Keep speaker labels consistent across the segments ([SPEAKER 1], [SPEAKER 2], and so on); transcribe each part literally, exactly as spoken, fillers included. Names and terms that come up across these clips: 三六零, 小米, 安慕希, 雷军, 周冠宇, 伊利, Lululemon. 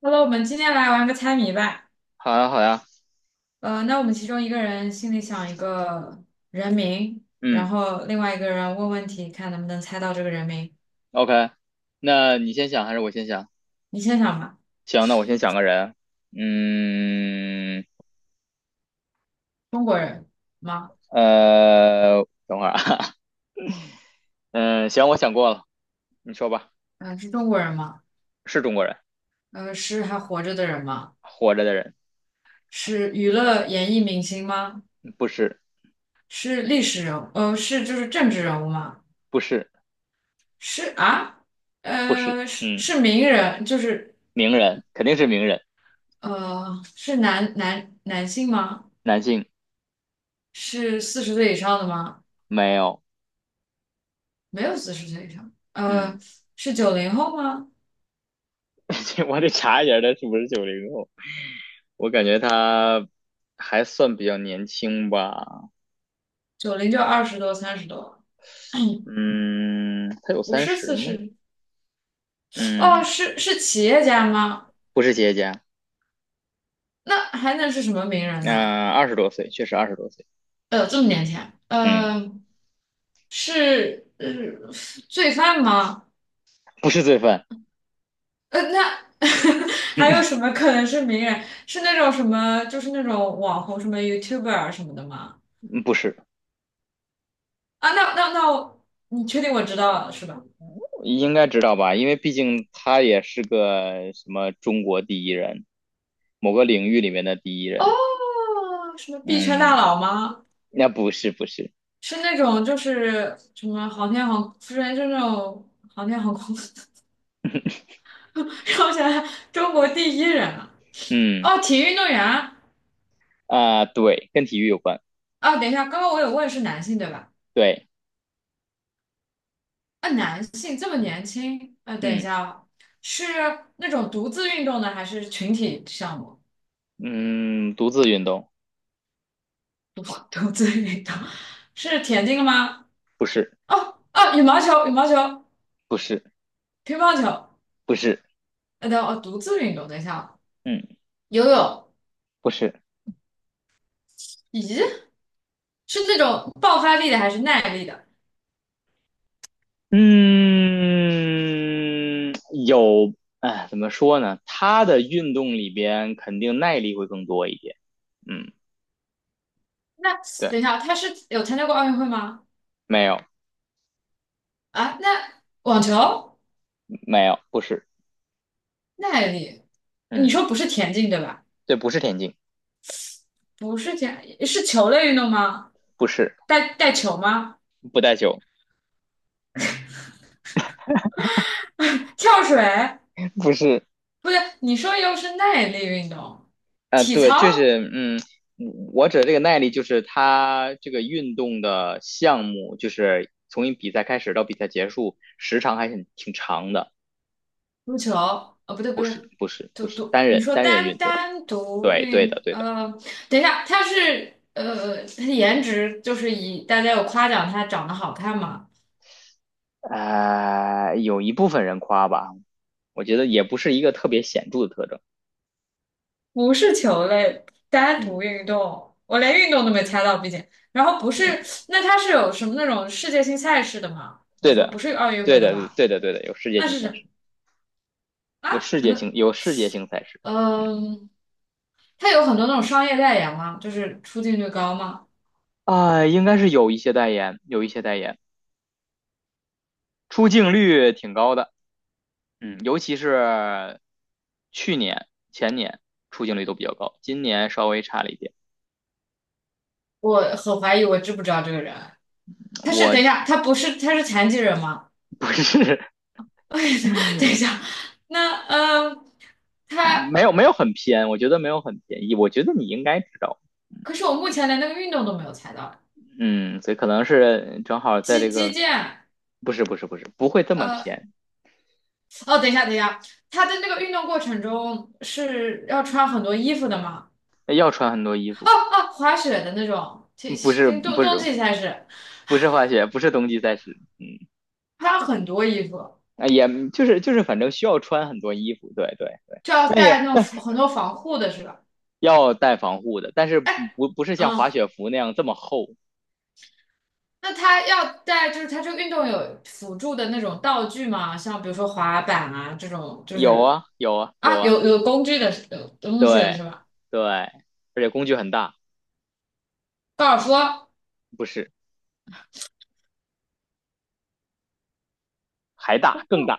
[SPEAKER 1] 好了，我们今天来玩个猜谜吧。
[SPEAKER 2] 好呀，好呀，
[SPEAKER 1] 呃，那我们其中一个人心里想一个人名，然
[SPEAKER 2] 嗯
[SPEAKER 1] 后另外一个人问问题，看能不能猜到这个人名。
[SPEAKER 2] ，OK，那你先想还是我先想？
[SPEAKER 1] 你先想吧，
[SPEAKER 2] 行，那我先想个人。嗯，
[SPEAKER 1] 中国人吗？
[SPEAKER 2] 呃，等会儿啊，嗯，行，我想过了，你说吧，
[SPEAKER 1] 嗯、是中国人吗？
[SPEAKER 2] 是中国人，
[SPEAKER 1] 呃，是还活着的人吗？
[SPEAKER 2] 活着的人，
[SPEAKER 1] 是娱乐演艺明星吗？
[SPEAKER 2] 不是，
[SPEAKER 1] 是历史人物？呃，是就是政治人物吗？
[SPEAKER 2] 不是，
[SPEAKER 1] 是啊，
[SPEAKER 2] 不是，
[SPEAKER 1] 呃，是
[SPEAKER 2] 嗯，
[SPEAKER 1] 是名人，就是
[SPEAKER 2] 名人，肯定是名人，
[SPEAKER 1] 呃，是男男男性吗？
[SPEAKER 2] 男性，
[SPEAKER 1] 是四十岁以上的吗？
[SPEAKER 2] 没有，
[SPEAKER 1] 没有四十岁以上，
[SPEAKER 2] 嗯，
[SPEAKER 1] 呃，是九零后吗？
[SPEAKER 2] 我得查一下他是不是九零后，我感觉他还算比较年轻吧，
[SPEAKER 1] 九零就二十多、三十多了
[SPEAKER 2] 嗯，他有
[SPEAKER 1] 不
[SPEAKER 2] 三
[SPEAKER 1] 是
[SPEAKER 2] 十
[SPEAKER 1] 四
[SPEAKER 2] 吗？
[SPEAKER 1] 十。哦，
[SPEAKER 2] 嗯，
[SPEAKER 1] 是是企业家吗？
[SPEAKER 2] 不是企业家。
[SPEAKER 1] 那还能是什么名人呢？
[SPEAKER 2] 那二十多岁，确实二十多岁，
[SPEAKER 1] 呃，这么
[SPEAKER 2] 嗯
[SPEAKER 1] 年轻啊
[SPEAKER 2] 嗯，
[SPEAKER 1] 呃，是呃罪犯吗？
[SPEAKER 2] 不是罪犯，
[SPEAKER 1] 呃，那 还 有什么可能是名人？是那种什么，就是那种网红，什么 YouTuber 啊什么的吗？
[SPEAKER 2] 嗯不是，
[SPEAKER 1] 啊，那那那我，你确定我知道了是吧？
[SPEAKER 2] 应该知道吧？因为毕竟他也是个什么中国第一人，某个领域里面的第一
[SPEAKER 1] 哦，
[SPEAKER 2] 人，
[SPEAKER 1] 什么币圈大
[SPEAKER 2] 嗯，
[SPEAKER 1] 佬吗？
[SPEAKER 2] 那不是不是，
[SPEAKER 1] 是那种就是什么航天航，不是就那种航天航空，让我想想，中国第一人啊，
[SPEAKER 2] 嗯
[SPEAKER 1] 哦，体育运动员啊，
[SPEAKER 2] 啊，对，跟体育有关，
[SPEAKER 1] 哦等一下，刚刚我有问是男性对吧？
[SPEAKER 2] 对，
[SPEAKER 1] 啊，男性这么年轻，啊，等一
[SPEAKER 2] 嗯
[SPEAKER 1] 下哦，是那种独自运动的还是群体项目？
[SPEAKER 2] 嗯，独自运动，
[SPEAKER 1] 独 独自运动是田径吗？
[SPEAKER 2] 不是
[SPEAKER 1] 哦哦，羽毛球、羽毛球、
[SPEAKER 2] 不是
[SPEAKER 1] 乒乓球，
[SPEAKER 2] 不是，
[SPEAKER 1] 呃，等哦，独自运动，等一下哦
[SPEAKER 2] 嗯
[SPEAKER 1] 游泳，
[SPEAKER 2] 不是。
[SPEAKER 1] 咦，是那种爆发力的还是耐力的？
[SPEAKER 2] 嗯，有，哎，怎么说呢？他的运动里边肯定耐力会更多一点。嗯，
[SPEAKER 1] 那
[SPEAKER 2] 对，
[SPEAKER 1] 等一下，他是有参加过奥运会吗？
[SPEAKER 2] 没有，
[SPEAKER 1] 啊，那网球，
[SPEAKER 2] 没有，不是，
[SPEAKER 1] 耐力，你
[SPEAKER 2] 嗯，
[SPEAKER 1] 说不是田径对吧？
[SPEAKER 2] 对，不是田径，
[SPEAKER 1] 不是田，是球类运动吗？
[SPEAKER 2] 不是，
[SPEAKER 1] 带带球吗？
[SPEAKER 2] 不带球，
[SPEAKER 1] 跳水？
[SPEAKER 2] 不是，
[SPEAKER 1] 不对，你说又是耐力运动，
[SPEAKER 2] 啊、
[SPEAKER 1] 体
[SPEAKER 2] 对，就
[SPEAKER 1] 操、
[SPEAKER 2] 是，嗯，我指的这个耐力就是他这个运动的项目，就是从一比赛开始到比赛结束，时长还挺挺长的。
[SPEAKER 1] 足球？哦，不对不
[SPEAKER 2] 不是，
[SPEAKER 1] 对，
[SPEAKER 2] 不是，
[SPEAKER 1] 独
[SPEAKER 2] 不是，
[SPEAKER 1] 独，
[SPEAKER 2] 单
[SPEAKER 1] 你
[SPEAKER 2] 人
[SPEAKER 1] 说
[SPEAKER 2] 单人
[SPEAKER 1] 单
[SPEAKER 2] 运动。
[SPEAKER 1] 单独
[SPEAKER 2] 对，对的，
[SPEAKER 1] 运，
[SPEAKER 2] 对的。
[SPEAKER 1] 呃，等一下，他是呃，他的颜值就是以大家有夸奖他长得好看吗？
[SPEAKER 2] 呃，有一部分人夸吧，我觉得也不是一个特别显著的特征。
[SPEAKER 1] 不是球类，单
[SPEAKER 2] 嗯
[SPEAKER 1] 独运动，我连运动都没猜到，毕竟。然后不是，
[SPEAKER 2] 嗯，
[SPEAKER 1] 那他是有什么那种世界性赛事的吗？你
[SPEAKER 2] 对
[SPEAKER 1] 说不
[SPEAKER 2] 的，
[SPEAKER 1] 是奥运
[SPEAKER 2] 对
[SPEAKER 1] 会的
[SPEAKER 2] 的，
[SPEAKER 1] 话，
[SPEAKER 2] 对的，对的，有世界
[SPEAKER 1] 那
[SPEAKER 2] 性
[SPEAKER 1] 是
[SPEAKER 2] 赛事，
[SPEAKER 1] 什么
[SPEAKER 2] 有
[SPEAKER 1] 啊？
[SPEAKER 2] 世界性，
[SPEAKER 1] 嗯
[SPEAKER 2] 有世界性赛事
[SPEAKER 1] 嗯，它有很多那种商业代言吗？就是出镜率高吗？
[SPEAKER 2] 啊、应该是有一些代言，有一些代言，出镜率挺高的。嗯，尤其是去年、前年出镜率都比较高，今年稍微差了一点。
[SPEAKER 1] 我很怀疑，我知不知道这个人？他是
[SPEAKER 2] 我
[SPEAKER 1] 等一下，他不是他是残疾人吗？
[SPEAKER 2] 不是，
[SPEAKER 1] 等一下，那嗯，他
[SPEAKER 2] 没有没有很偏，我觉得没有很偏，我觉得你应该知道。
[SPEAKER 1] 可是我目前连那个运动都没有猜到，
[SPEAKER 2] 嗯，所以可能是正好在
[SPEAKER 1] 击
[SPEAKER 2] 这
[SPEAKER 1] 击
[SPEAKER 2] 个，
[SPEAKER 1] 剑。
[SPEAKER 2] 不是不是不是，不会这么
[SPEAKER 1] 呃
[SPEAKER 2] 偏，
[SPEAKER 1] 哦，等一下，等一下，他的那个运动过程中是要穿很多衣服的吗？
[SPEAKER 2] 要穿很多衣
[SPEAKER 1] 哦
[SPEAKER 2] 服，
[SPEAKER 1] 哦，滑雪的那种，其
[SPEAKER 2] 嗯不
[SPEAKER 1] 实
[SPEAKER 2] 是
[SPEAKER 1] 冬
[SPEAKER 2] 不是
[SPEAKER 1] 冬季赛事
[SPEAKER 2] 不是滑雪，不是冬季赛事，嗯，
[SPEAKER 1] 穿很多衣服，
[SPEAKER 2] 啊也就是就是反正需要穿很多衣服，对对对，
[SPEAKER 1] 就要
[SPEAKER 2] 那也
[SPEAKER 1] 带那种很多防护的是吧？
[SPEAKER 2] 要带防护的，但是
[SPEAKER 1] 哎，
[SPEAKER 2] 不不是像滑
[SPEAKER 1] 嗯，
[SPEAKER 2] 雪服那样这么厚，
[SPEAKER 1] 那他要带就是他这个运动有辅助的那种道具吗？像比如说滑板啊这种，就
[SPEAKER 2] 有
[SPEAKER 1] 是
[SPEAKER 2] 啊有啊有
[SPEAKER 1] 啊
[SPEAKER 2] 啊，
[SPEAKER 1] 有有工具的是有东西的
[SPEAKER 2] 对
[SPEAKER 1] 是吧？
[SPEAKER 2] 对，而且工具很大，
[SPEAKER 1] 高尔夫
[SPEAKER 2] 不是还大更大，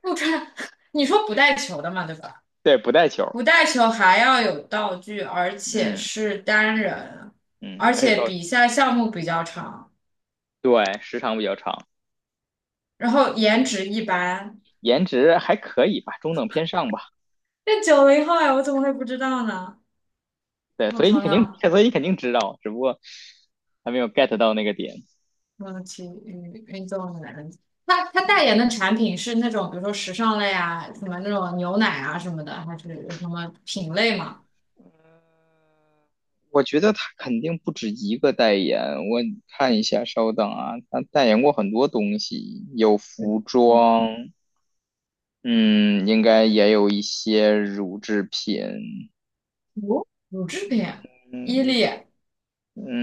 [SPEAKER 1] 不穿，你说不带球的嘛，对吧？
[SPEAKER 2] 对，不带球，
[SPEAKER 1] 不带球还要有道具，而且
[SPEAKER 2] 嗯
[SPEAKER 1] 是单人，
[SPEAKER 2] 嗯，
[SPEAKER 1] 而
[SPEAKER 2] 而且
[SPEAKER 1] 且
[SPEAKER 2] 到
[SPEAKER 1] 比赛项目比较长，
[SPEAKER 2] 对时长比较长。
[SPEAKER 1] 然后颜值一般。
[SPEAKER 2] 颜值还可以吧，中等偏上吧。
[SPEAKER 1] 那九零后哎，我怎么会不知道呢？
[SPEAKER 2] 对，
[SPEAKER 1] 我
[SPEAKER 2] 所以你
[SPEAKER 1] 想
[SPEAKER 2] 肯定，
[SPEAKER 1] 想，
[SPEAKER 2] 所以你肯定知道，只不过还没有 get 到那个点。
[SPEAKER 1] 嗯，体育运动员，他他代言的产品是那种，比如说时尚类啊，什么那种牛奶啊什么的，还是有什么品类吗？
[SPEAKER 2] 我觉得他肯定不止一个代言，我看一下，稍等啊，他代言过很多东西，有服装，嗯，应该也有一些乳制品，
[SPEAKER 1] 乳乳制品，伊
[SPEAKER 2] 嗯
[SPEAKER 1] 利，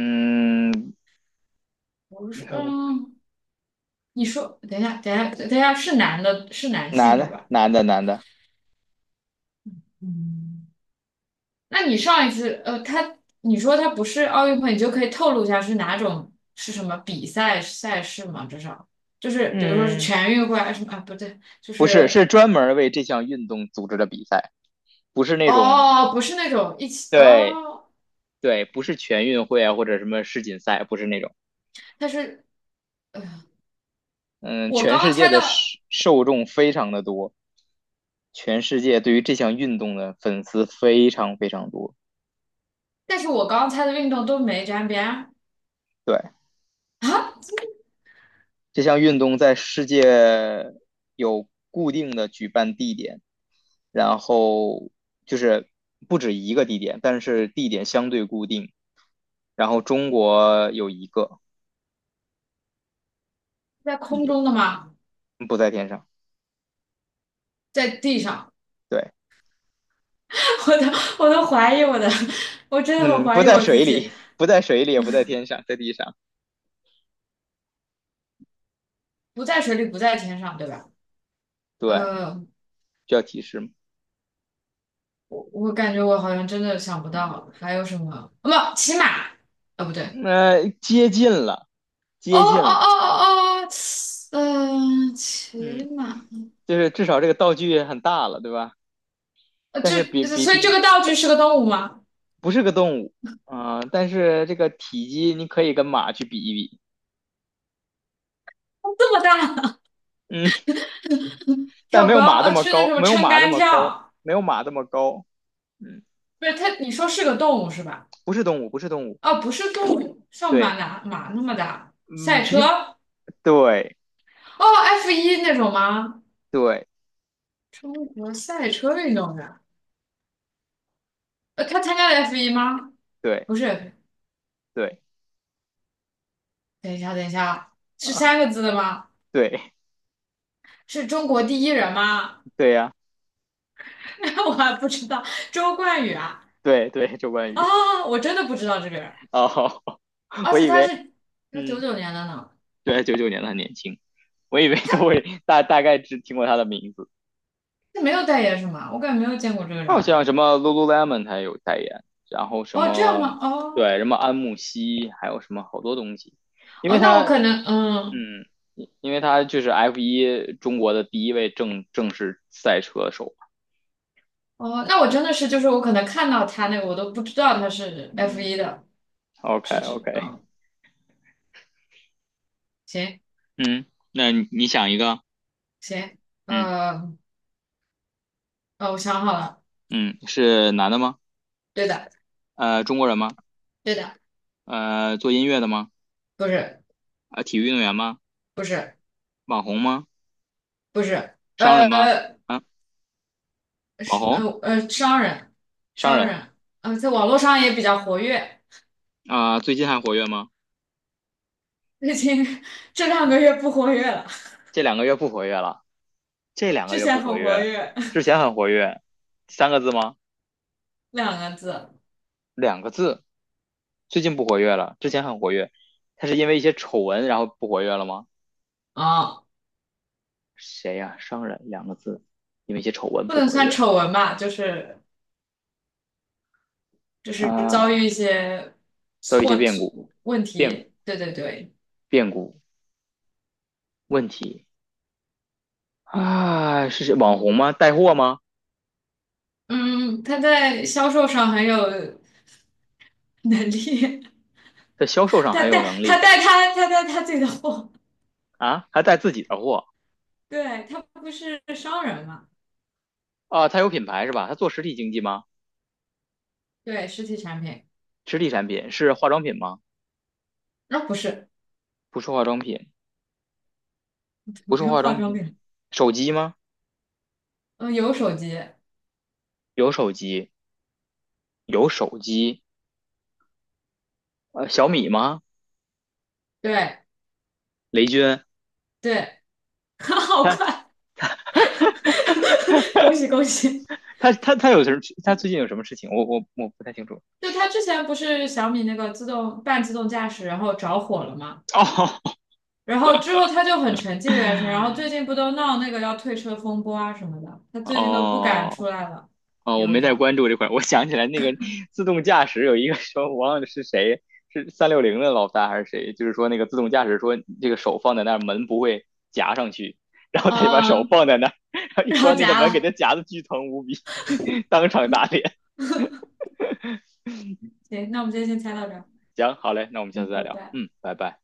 [SPEAKER 2] 嗯，
[SPEAKER 1] 不是，嗯，你说，等一下，等一下，等一下，是男的，是男
[SPEAKER 2] 男
[SPEAKER 1] 性对
[SPEAKER 2] 的
[SPEAKER 1] 吧？
[SPEAKER 2] 男的男的，
[SPEAKER 1] 嗯。那你上一次，呃，他你说他不是奥运会，你就可以透露一下是哪种是什么比赛赛事吗？至少就是比如说是
[SPEAKER 2] 嗯，
[SPEAKER 1] 全运会还是什么啊？不对，就
[SPEAKER 2] 不是，
[SPEAKER 1] 是
[SPEAKER 2] 是专门为这项运动组织的比赛，不是那种
[SPEAKER 1] 哦，不是那种一起
[SPEAKER 2] 对
[SPEAKER 1] 哦，
[SPEAKER 2] 对，不是全运会啊，或者什么世锦赛，不是那种。
[SPEAKER 1] 它是呃，
[SPEAKER 2] 嗯，
[SPEAKER 1] 我
[SPEAKER 2] 全
[SPEAKER 1] 刚刚
[SPEAKER 2] 世界
[SPEAKER 1] 猜
[SPEAKER 2] 的受
[SPEAKER 1] 到，
[SPEAKER 2] 受众非常的多，全世界对于这项运动的粉丝非常非常多。
[SPEAKER 1] 但是我刚刚猜的运动都没沾边儿
[SPEAKER 2] 对，
[SPEAKER 1] 啊，
[SPEAKER 2] 这项运动在世界有固定的举办地点，然后就是不止一个地点，但是地点相对固定。然后中国有一个
[SPEAKER 1] 在
[SPEAKER 2] 地
[SPEAKER 1] 空
[SPEAKER 2] 点，
[SPEAKER 1] 中的吗？
[SPEAKER 2] 不在天上。
[SPEAKER 1] 在地上，
[SPEAKER 2] 对，
[SPEAKER 1] 我都我都怀疑我的，我真的很
[SPEAKER 2] 嗯，不
[SPEAKER 1] 怀疑
[SPEAKER 2] 在
[SPEAKER 1] 我自
[SPEAKER 2] 水
[SPEAKER 1] 己，
[SPEAKER 2] 里，不在水里，也不在天上，在地上。
[SPEAKER 1] 不在水里，不在天上，对吧？
[SPEAKER 2] 对，
[SPEAKER 1] 嗯。
[SPEAKER 2] 需要提示吗？
[SPEAKER 1] 我我感觉我好像真的想不
[SPEAKER 2] 嗯，
[SPEAKER 1] 到还有什么，哦，不，骑马，哦，不对，
[SPEAKER 2] 那接近了，
[SPEAKER 1] 哦哦
[SPEAKER 2] 接近了，
[SPEAKER 1] 哦哦哦，嗯、骑
[SPEAKER 2] 嗯，
[SPEAKER 1] 马，
[SPEAKER 2] 就是至少这个道具很大了，对吧？
[SPEAKER 1] 呃，
[SPEAKER 2] 但
[SPEAKER 1] 这
[SPEAKER 2] 是比比
[SPEAKER 1] 所以这
[SPEAKER 2] 比
[SPEAKER 1] 个道具是个动物吗？
[SPEAKER 2] 不是个动物啊、但是这个体积你可以跟马去比一比，
[SPEAKER 1] 这么大，
[SPEAKER 2] 嗯，但
[SPEAKER 1] 跳
[SPEAKER 2] 没有
[SPEAKER 1] 高，
[SPEAKER 2] 马那
[SPEAKER 1] 呃，
[SPEAKER 2] 么
[SPEAKER 1] 是那
[SPEAKER 2] 高，
[SPEAKER 1] 什么
[SPEAKER 2] 没有
[SPEAKER 1] 撑
[SPEAKER 2] 马那
[SPEAKER 1] 杆
[SPEAKER 2] 么高，
[SPEAKER 1] 跳，
[SPEAKER 2] 没有马那么高，嗯，
[SPEAKER 1] 不是它，你说是个动物是吧？
[SPEAKER 2] 不是动物，不是动物，
[SPEAKER 1] 哦，不是动物，像
[SPEAKER 2] 对，
[SPEAKER 1] 马哪马那么大，赛
[SPEAKER 2] 嗯，比
[SPEAKER 1] 车，哦
[SPEAKER 2] 对
[SPEAKER 1] ，F 一那种吗？
[SPEAKER 2] 对
[SPEAKER 1] 中国赛车运动员，呃，他参加了 F 一吗？
[SPEAKER 2] 对
[SPEAKER 1] 不是，
[SPEAKER 2] 对
[SPEAKER 1] 等一下，等一下啊，是
[SPEAKER 2] 啊，
[SPEAKER 1] 三个字的吗？
[SPEAKER 2] 对
[SPEAKER 1] 是中国第一人吗？
[SPEAKER 2] 对呀、
[SPEAKER 1] 我还不知道，周冠宇啊
[SPEAKER 2] 对对，周冠宇，
[SPEAKER 1] 啊，我真的不知道这个人，
[SPEAKER 2] 哦，
[SPEAKER 1] 而
[SPEAKER 2] 我
[SPEAKER 1] 且
[SPEAKER 2] 以
[SPEAKER 1] 他
[SPEAKER 2] 为，
[SPEAKER 1] 是他九
[SPEAKER 2] 嗯。
[SPEAKER 1] 九年的呢，
[SPEAKER 2] 对，九九年的很年轻，我以为都会大大概只听过他的名字。
[SPEAKER 1] 他没有代言是吗？我感觉没有见过这个
[SPEAKER 2] 他
[SPEAKER 1] 人
[SPEAKER 2] 好像
[SPEAKER 1] 啊。
[SPEAKER 2] 什么 Lululemon 他也有代言，然后什
[SPEAKER 1] 哦，这样
[SPEAKER 2] 么
[SPEAKER 1] 吗？哦
[SPEAKER 2] 对什么安慕希，还有什么好多东西，因
[SPEAKER 1] 哦，
[SPEAKER 2] 为
[SPEAKER 1] 那
[SPEAKER 2] 他
[SPEAKER 1] 我可能嗯
[SPEAKER 2] 嗯，因为他就是 F 一中国的第一位正正式赛车手。
[SPEAKER 1] 哦，那我真的是就是我可能看到他那个我都不知道他是 F
[SPEAKER 2] 嗯
[SPEAKER 1] 一的，
[SPEAKER 2] ，OK
[SPEAKER 1] 是指
[SPEAKER 2] OK，
[SPEAKER 1] 嗯行
[SPEAKER 2] 嗯，那你你想一个，
[SPEAKER 1] 行
[SPEAKER 2] 嗯
[SPEAKER 1] 呃呃，我想好了，
[SPEAKER 2] 嗯，是男的吗？
[SPEAKER 1] 对的
[SPEAKER 2] 呃，中国人吗？
[SPEAKER 1] 对的，
[SPEAKER 2] 呃，做音乐的吗？
[SPEAKER 1] 不是
[SPEAKER 2] 呃，体育运动员吗？
[SPEAKER 1] 不是
[SPEAKER 2] 网红吗？
[SPEAKER 1] 不是
[SPEAKER 2] 商人吗？
[SPEAKER 1] 呃
[SPEAKER 2] 啊，网
[SPEAKER 1] 是呃
[SPEAKER 2] 红。
[SPEAKER 1] 呃商人，
[SPEAKER 2] 商
[SPEAKER 1] 商
[SPEAKER 2] 人
[SPEAKER 1] 人，呃，在网络上也比较活跃，
[SPEAKER 2] 啊，最近还活跃吗？
[SPEAKER 1] 最近 这两个月不活跃了，
[SPEAKER 2] 这两个月不活跃了，这两个
[SPEAKER 1] 之
[SPEAKER 2] 月
[SPEAKER 1] 前
[SPEAKER 2] 不
[SPEAKER 1] 很
[SPEAKER 2] 活跃
[SPEAKER 1] 活
[SPEAKER 2] 了，
[SPEAKER 1] 跃，
[SPEAKER 2] 之前很活跃，三个字吗？
[SPEAKER 1] 两个字啊、
[SPEAKER 2] 两个字，最近不活跃了，之前很活跃，他是因为一些丑闻然后不活跃了吗？
[SPEAKER 1] 哦
[SPEAKER 2] 谁呀、商人两个字，因为一些丑闻
[SPEAKER 1] 不
[SPEAKER 2] 不
[SPEAKER 1] 能
[SPEAKER 2] 活
[SPEAKER 1] 算
[SPEAKER 2] 跃
[SPEAKER 1] 丑闻吧，就是就是遭遇
[SPEAKER 2] 啊，
[SPEAKER 1] 一些
[SPEAKER 2] 都有一些
[SPEAKER 1] 错
[SPEAKER 2] 变
[SPEAKER 1] 错
[SPEAKER 2] 故，
[SPEAKER 1] 问题，对对对，
[SPEAKER 2] 变故问题啊，是谁网红吗？带货吗？
[SPEAKER 1] 嗯，他在销售上很有能力，
[SPEAKER 2] 在销售 上
[SPEAKER 1] 他
[SPEAKER 2] 很有
[SPEAKER 1] 带
[SPEAKER 2] 能
[SPEAKER 1] 他
[SPEAKER 2] 力
[SPEAKER 1] 带他他带他自己的货，
[SPEAKER 2] 啊，还带自己的货
[SPEAKER 1] 对，他不是商人嘛，
[SPEAKER 2] 啊，他有品牌是吧？他做实体经济吗？
[SPEAKER 1] 对，实体产品，
[SPEAKER 2] 实体产品是化妆品吗？
[SPEAKER 1] 那、不是，
[SPEAKER 2] 不是化妆品，不是
[SPEAKER 1] 别
[SPEAKER 2] 化
[SPEAKER 1] 化
[SPEAKER 2] 妆
[SPEAKER 1] 妆
[SPEAKER 2] 品，
[SPEAKER 1] 品。
[SPEAKER 2] 手机吗？
[SPEAKER 1] 嗯，有手机，
[SPEAKER 2] 有手机，有手机，呃，小米吗？
[SPEAKER 1] 对
[SPEAKER 2] 雷军，
[SPEAKER 1] 对，好快，恭喜恭喜！
[SPEAKER 2] 他他他有什么？他最近有什么事情？我我我不太清楚。
[SPEAKER 1] 就他之前不是小米那个自动半自动驾驶，然后着火了嘛，
[SPEAKER 2] 哦
[SPEAKER 1] 然后之后他就很沉寂的一段时间，然后最近不都闹那个要退车风波啊什么的，他最近都不敢出
[SPEAKER 2] 哦
[SPEAKER 1] 来了，
[SPEAKER 2] 哦，我
[SPEAKER 1] 有一
[SPEAKER 2] 没
[SPEAKER 1] 点
[SPEAKER 2] 太
[SPEAKER 1] 儿，
[SPEAKER 2] 关注这块儿。我想起来那个自动驾驶有一个说，我忘了是谁，是三六零的老大还是谁？就是说那个自动驾驶说这个手放在那儿，门不会夹上去，然后
[SPEAKER 1] 啊、
[SPEAKER 2] 他就把手 放在那儿，然后一
[SPEAKER 1] 然后
[SPEAKER 2] 关那个
[SPEAKER 1] 夹
[SPEAKER 2] 门，给他
[SPEAKER 1] 了。
[SPEAKER 2] 夹的巨疼无比，当场打脸。
[SPEAKER 1] 行，那我们今天先猜到这儿，
[SPEAKER 2] 行，好嘞，那我们下次
[SPEAKER 1] 嗯，
[SPEAKER 2] 再
[SPEAKER 1] 拜
[SPEAKER 2] 聊。
[SPEAKER 1] 拜。
[SPEAKER 2] 嗯，拜拜。